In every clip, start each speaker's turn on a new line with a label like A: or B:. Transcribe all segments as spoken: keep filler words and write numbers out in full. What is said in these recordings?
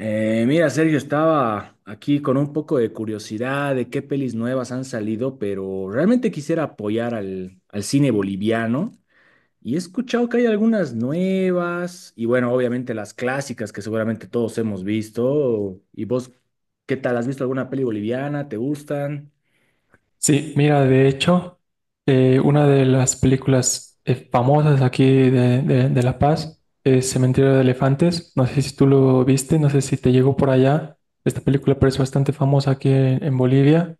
A: Eh, mira, Sergio, estaba aquí con un poco de curiosidad de qué pelis nuevas han salido, pero realmente quisiera apoyar al, al cine boliviano y he escuchado que hay algunas nuevas y bueno, obviamente las clásicas que seguramente todos hemos visto. ¿Y vos qué tal? ¿Has visto alguna peli boliviana? ¿Te gustan?
B: Sí, mira, de hecho, eh, una de las películas eh, famosas aquí de, de- de La Paz es Cementerio de Elefantes. No sé si tú lo viste, no sé si te llegó por allá. Esta película, pero es bastante famosa aquí en, en Bolivia.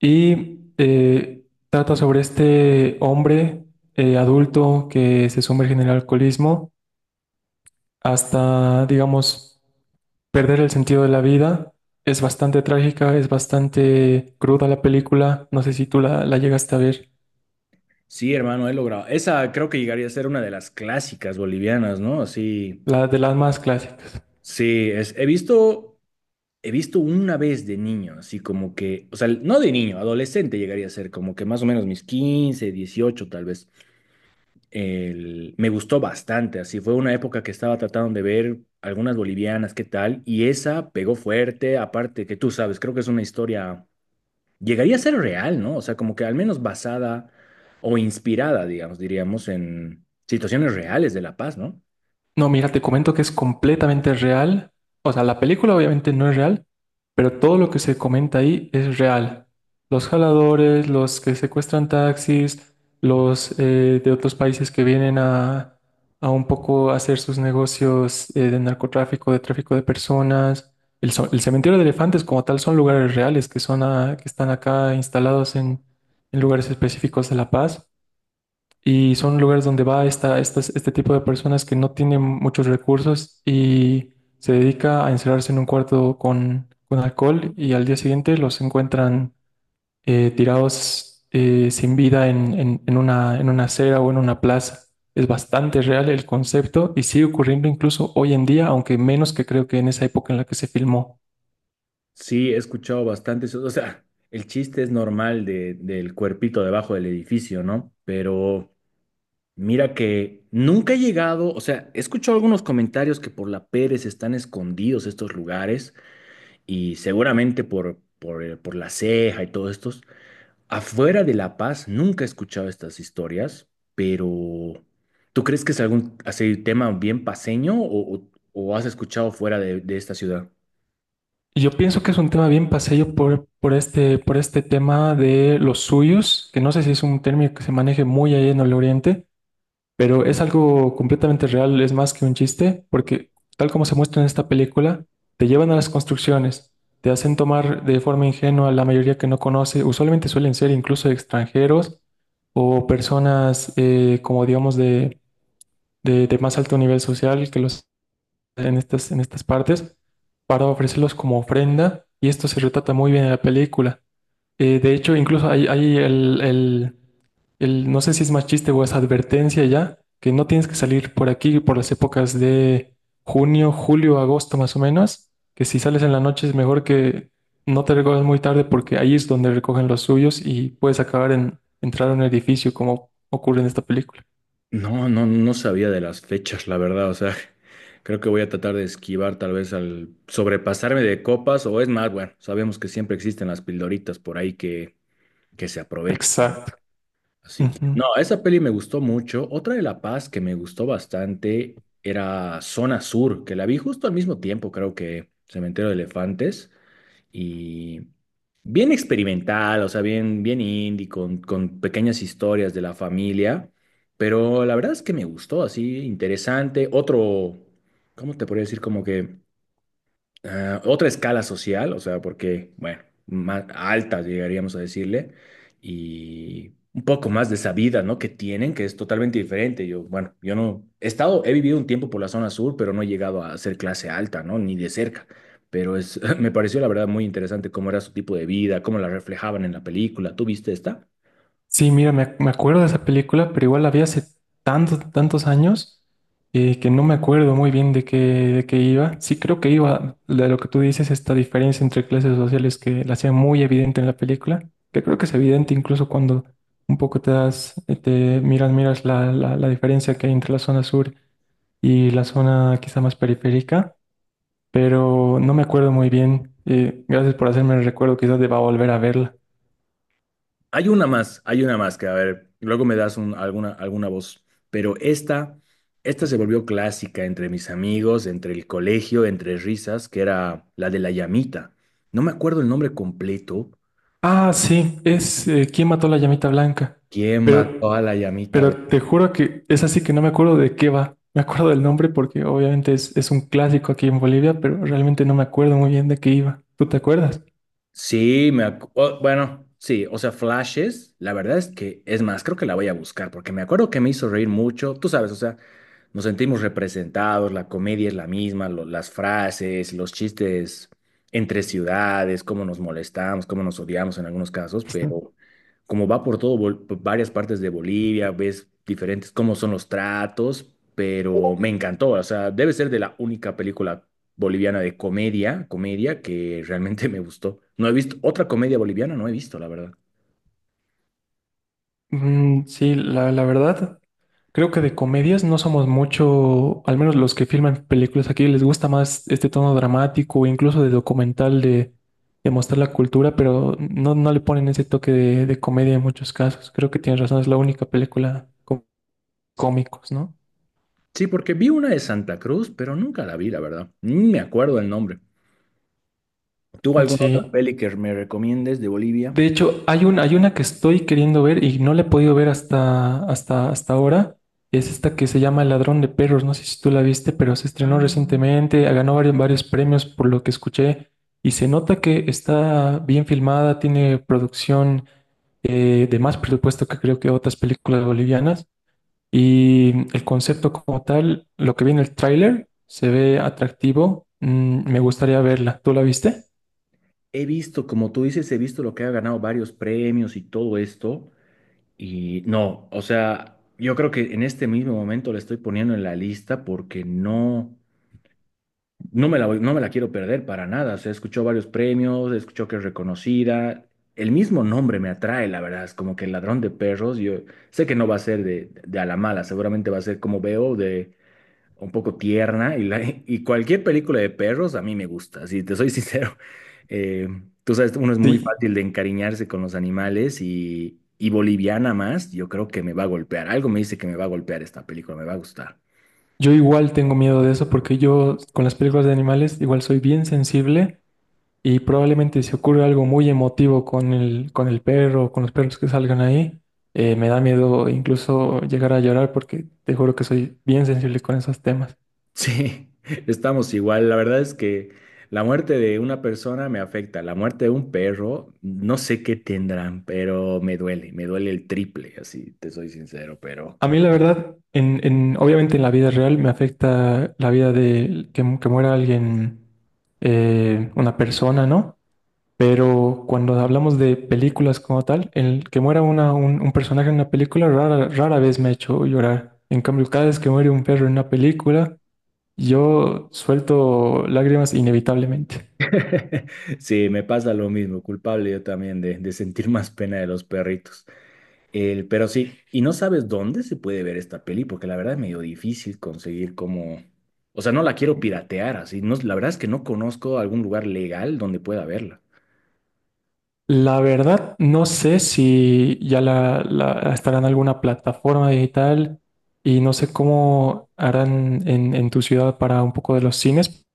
B: Y eh, trata sobre este hombre eh, adulto que se sumerge en el alcoholismo hasta, digamos, perder el sentido de la vida. Es bastante trágica, es bastante cruda la película. No sé si tú la, la llegaste a ver.
A: Sí, hermano, he logrado. Esa creo que llegaría a ser una de las clásicas bolivianas, ¿no? Así,
B: Las de las más clásicas.
A: sí, es, he visto... He visto una vez de niño, así como que, o sea, no de niño, adolescente llegaría a ser, como que más o menos mis quince, dieciocho, tal vez. El- me gustó bastante, así fue una época que estaba tratando de ver algunas bolivianas, qué tal, y esa pegó fuerte, aparte que tú sabes, creo que es una historia, llegaría a ser real, ¿no? O sea, como que al menos basada o inspirada, digamos, diríamos, en situaciones reales de La Paz, ¿no?
B: No, mira, te comento que es completamente real. O sea, la película obviamente no es real, pero todo lo que se comenta ahí es real. Los jaladores, los que secuestran taxis, los eh, de otros países que vienen a, a un poco hacer sus negocios eh, de narcotráfico, de tráfico de personas. El, so- el cementerio de elefantes como tal son lugares reales que, son a- que están acá instalados en en lugares específicos de La Paz. Y son lugares donde va esta, estas- este tipo de personas que no tienen muchos recursos y se dedica a encerrarse en un cuarto con, con alcohol y al día siguiente los encuentran eh, tirados eh, sin vida en, en- en una, en una acera o en una plaza. Es bastante real el concepto y sigue ocurriendo incluso hoy en día, aunque menos que creo que en esa época en la que se filmó.
A: Sí, he escuchado bastante eso. O sea, el chiste es normal de, del cuerpito debajo del edificio, ¿no? Pero mira que nunca he llegado, o sea, he escuchado algunos comentarios que por la Pérez están escondidos estos lugares y seguramente por, por, eh, por la Ceja y todos estos. Afuera de La Paz nunca he escuchado estas historias, pero ¿tú crees que es algún así, tema bien paseño o, o- o has escuchado fuera de de esta ciudad?
B: Y yo pienso que es un tema bien paseño por, por este, por este tema de los suyos, que no sé si es un término que se maneje muy ahí en el Oriente. Pero es algo completamente real, es más que un chiste, porque tal como se muestra en esta película, te llevan a las construcciones, te hacen tomar de forma ingenua la mayoría que no conoce, usualmente suelen ser incluso extranjeros o personas eh, como digamos de, de- de más alto nivel social que los en estas, en estas partes, para ofrecerlos como ofrenda, y esto se retrata muy bien en la película. Eh, de hecho, incluso hay, hay el, el- el- no sé si es más chiste o es advertencia ya, que no tienes que salir por aquí por las épocas de junio, julio, agosto más o menos, que si sales en la noche es mejor que no te recojas muy tarde porque ahí es donde recogen los suyos y puedes acabar en entrar a un edificio como ocurre en esta película.
A: No, no, no sabía de las fechas, la verdad. O sea, creo que voy a tratar de esquivar tal vez al sobrepasarme de copas o es más, bueno, sabemos que siempre existen las pildoritas por ahí que, que se aprovechan. ¿No?
B: Exacto.
A: Así que, no,
B: Ujú.
A: esa peli me gustó mucho. Otra de La Paz que me gustó bastante era Zona Sur, que la vi justo al mismo tiempo, creo que Cementerio de Elefantes y bien experimental, o sea, bien, bien indie, con, con pequeñas historias de la familia, pero la verdad es que me gustó, así interesante. Otro, ¿cómo te podría decir? Como que ah, otra escala social, o sea, porque, bueno, más alta llegaríamos a decirle, y un poco más de esa vida, ¿no? Que tienen, que es totalmente diferente. Yo, bueno, yo no he estado, he vivido un tiempo por la zona sur, pero no he llegado a ser clase alta, ¿no? Ni de cerca. Pero es, me pareció la verdad muy interesante cómo era su tipo de vida, cómo la reflejaban en la película. ¿Tú viste esta?
B: Sí, mira, me, ac- me acuerdo de esa película, pero igual la vi hace tantos, tantos años eh, que no me acuerdo muy bien de qué, de qué iba. Sí, creo que iba de lo que tú dices, esta diferencia entre clases sociales que la hacía muy evidente en la película, que creo que es evidente incluso cuando un poco te das, eh, te miras, miras la, la, la diferencia que hay entre la zona sur y la zona quizá más periférica, pero no me acuerdo muy bien. Eh, gracias por hacerme el recuerdo, quizás deba volver a verla.
A: Hay una más, hay una más que, a ver, luego me das un- alguna, alguna voz, pero esta, esta se volvió clásica entre mis amigos, entre el colegio, entre risas, que era la de la llamita. No me acuerdo el nombre completo.
B: Ah, sí, es eh, ¿Quién mató a la llamita blanca?
A: ¿Quién
B: Pero,
A: mató a la llamita
B: pero te
A: blanca?
B: juro que es así que no me acuerdo de qué va. Me acuerdo del nombre porque obviamente es, es un clásico aquí en Bolivia, pero realmente no me acuerdo muy bien de qué iba. ¿Tú te acuerdas?
A: Sí, me acu- o- bueno, sí, o sea, flashes, la verdad es que, es más, creo que la voy a buscar porque me acuerdo que me hizo reír mucho, tú sabes, o sea, nos sentimos representados, la comedia es la misma, lo- las frases, los chistes entre ciudades, cómo nos molestamos, cómo nos odiamos en algunos casos, pero como va por todo, Bol- por varias partes de Bolivia, ves diferentes, cómo son los tratos, pero me encantó, o sea, debe ser de la única película boliviana de comedia, comedia que realmente me gustó. No he visto otra comedia boliviana, no he visto, la verdad.
B: Mm, sí, la, la verdad, creo que de comedias no somos mucho, al menos los que filman películas aquí, les gusta más este tono dramático o incluso de documental de, de mostrar la cultura, pero no, no le ponen ese toque de, de comedia en muchos casos. Creo que tienes razón, es la única película cómicos, ¿no?
A: Sí, porque vi una de Santa Cruz, pero nunca la vi, la verdad. Ni me acuerdo el nombre. ¿Tú alguna otra
B: Sí.
A: peli que me recomiendes de Bolivia?
B: De hecho, hay un, hay una que estoy queriendo ver y no la he podido ver hasta, hasta, hasta ahora. Es esta que se llama El Ladrón de Perros. No sé si tú la viste, pero se estrenó
A: Ah,
B: recientemente, ganó varios, varios premios por lo que escuché. Y se nota que está bien filmada, tiene producción eh, de más presupuesto que creo que otras películas bolivianas. Y el concepto como tal, lo que vi en el tráiler, se ve atractivo. Mm, me gustaría verla. ¿Tú la viste?
A: he visto, como tú dices, he visto lo que ha ganado varios premios y todo esto. Y no, o sea, yo creo que en este mismo momento la estoy poniendo en la lista porque no, no me la, voy- no me la quiero perder para nada. O sea, escuchó varios premios, escuchó que es reconocida. El mismo nombre me atrae, la verdad. Es como que el ladrón de perros. Yo sé que no va a ser de, de a la mala, seguramente va a ser como veo un poco tierna y, la, y cualquier película de perros a mí me gusta, si te soy sincero. Eh, Tú sabes, uno es muy
B: Sí,
A: fácil de encariñarse con los animales y, y boliviana más, yo creo que me va a golpear. Algo me dice que me va a golpear esta película, me va a gustar.
B: yo igual tengo miedo de eso porque yo con las películas de animales igual soy bien sensible y probablemente si ocurre algo muy emotivo con el, con el perro o con los perros que salgan ahí, eh, me da miedo incluso llegar a llorar porque te juro que soy bien sensible con esos temas.
A: Sí, estamos igual. La verdad es que la muerte de una persona me afecta, la muerte de un perro, no sé qué tendrán, pero me duele, me duele el triple, así te soy sincero, pero...
B: A mí la verdad, en, en- obviamente en la vida real me afecta la vida de que, mu- que muera alguien, eh, una persona, ¿no? Pero cuando hablamos de películas como tal, el que muera una- un, un personaje en una película rara, rara vez me ha hecho llorar. En cambio, cada vez que muere un perro en una película, yo suelto lágrimas inevitablemente.
A: Sí, me pasa lo mismo, culpable yo también de, de sentir más pena de los perritos. El, pero sí, y no sabes dónde se puede ver esta peli, porque la verdad es medio difícil conseguir como... O sea, no la quiero piratear así. No, la verdad es que no conozco algún lugar legal donde pueda verla.
B: La verdad, no sé si ya la, la- estará en alguna plataforma digital y no sé cómo harán en, en tu ciudad para un poco de los cines.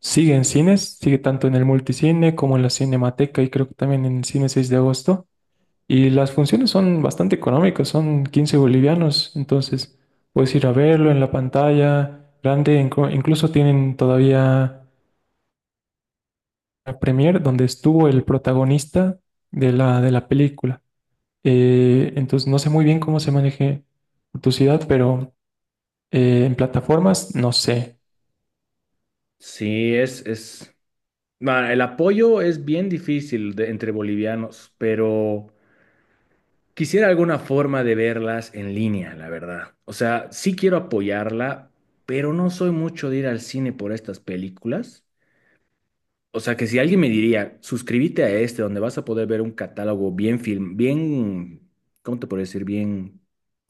B: Sigue en cines, sigue tanto en el multicine como en la Cinemateca y creo que también en el cine seis de agosto. Y las funciones son bastante económicas, son quince bolivianos, entonces puedes ir a verlo en la pantalla grande, inclu- incluso tienen todavía la premier donde estuvo el protagonista de la, de la película. Eh, entonces no sé muy bien cómo se maneje tu ciudad, pero eh, en plataformas no sé.
A: Sí, es, es... bueno, el apoyo es bien difícil de- entre bolivianos, pero... Quisiera alguna forma de verlas en línea, la verdad. O sea, sí quiero apoyarla, pero no soy mucho de ir al cine por estas películas. O sea, que si alguien me diría, suscríbete a este, donde vas a poder ver un catálogo bien film, bien, ¿cómo te puedo decir? Bien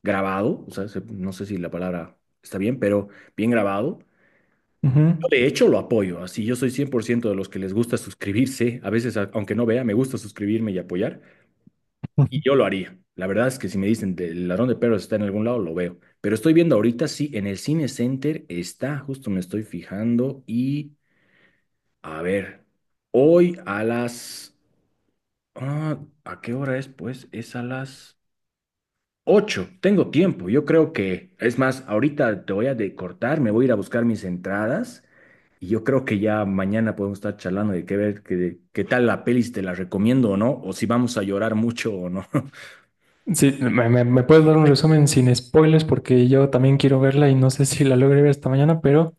A: grabado. O sea, se- no sé si la palabra está bien, pero bien grabado.
B: Ujú.
A: Yo, de hecho, lo apoyo. Así, yo soy cien por ciento de los que les gusta suscribirse. A veces, a- aunque no vea, me gusta suscribirme y apoyar. Y yo lo haría. La verdad es que si me dicen "Te- el ladrón de perros está en algún lado, lo veo. Pero estoy viendo ahorita, sí, en el Cine Center está, justo me estoy fijando. Y a ver, hoy a las... ah, ¿a qué hora es? Pues es a las ocho. Tengo tiempo. Yo creo que, es más, ahorita te voy a de- cortar, me voy a ir a buscar mis entradas. Y yo creo que ya mañana podemos estar charlando de qué ver, qué, qué tal la peli, si te la recomiendo o no, o si vamos a llorar mucho o no.
B: Sí, me, me- me puedes dar un resumen sin spoilers porque yo también quiero verla y no sé si la logré ver esta mañana, pero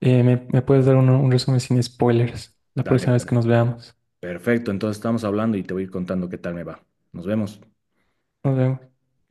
B: Eh, ¿me, me puedes dar uno- un resumen sin spoilers la
A: Dale,
B: próxima vez que
A: perfecto.
B: nos veamos?
A: Perfecto, entonces estamos hablando y te voy a ir contando qué tal me va. Nos vemos.
B: Nos vemos.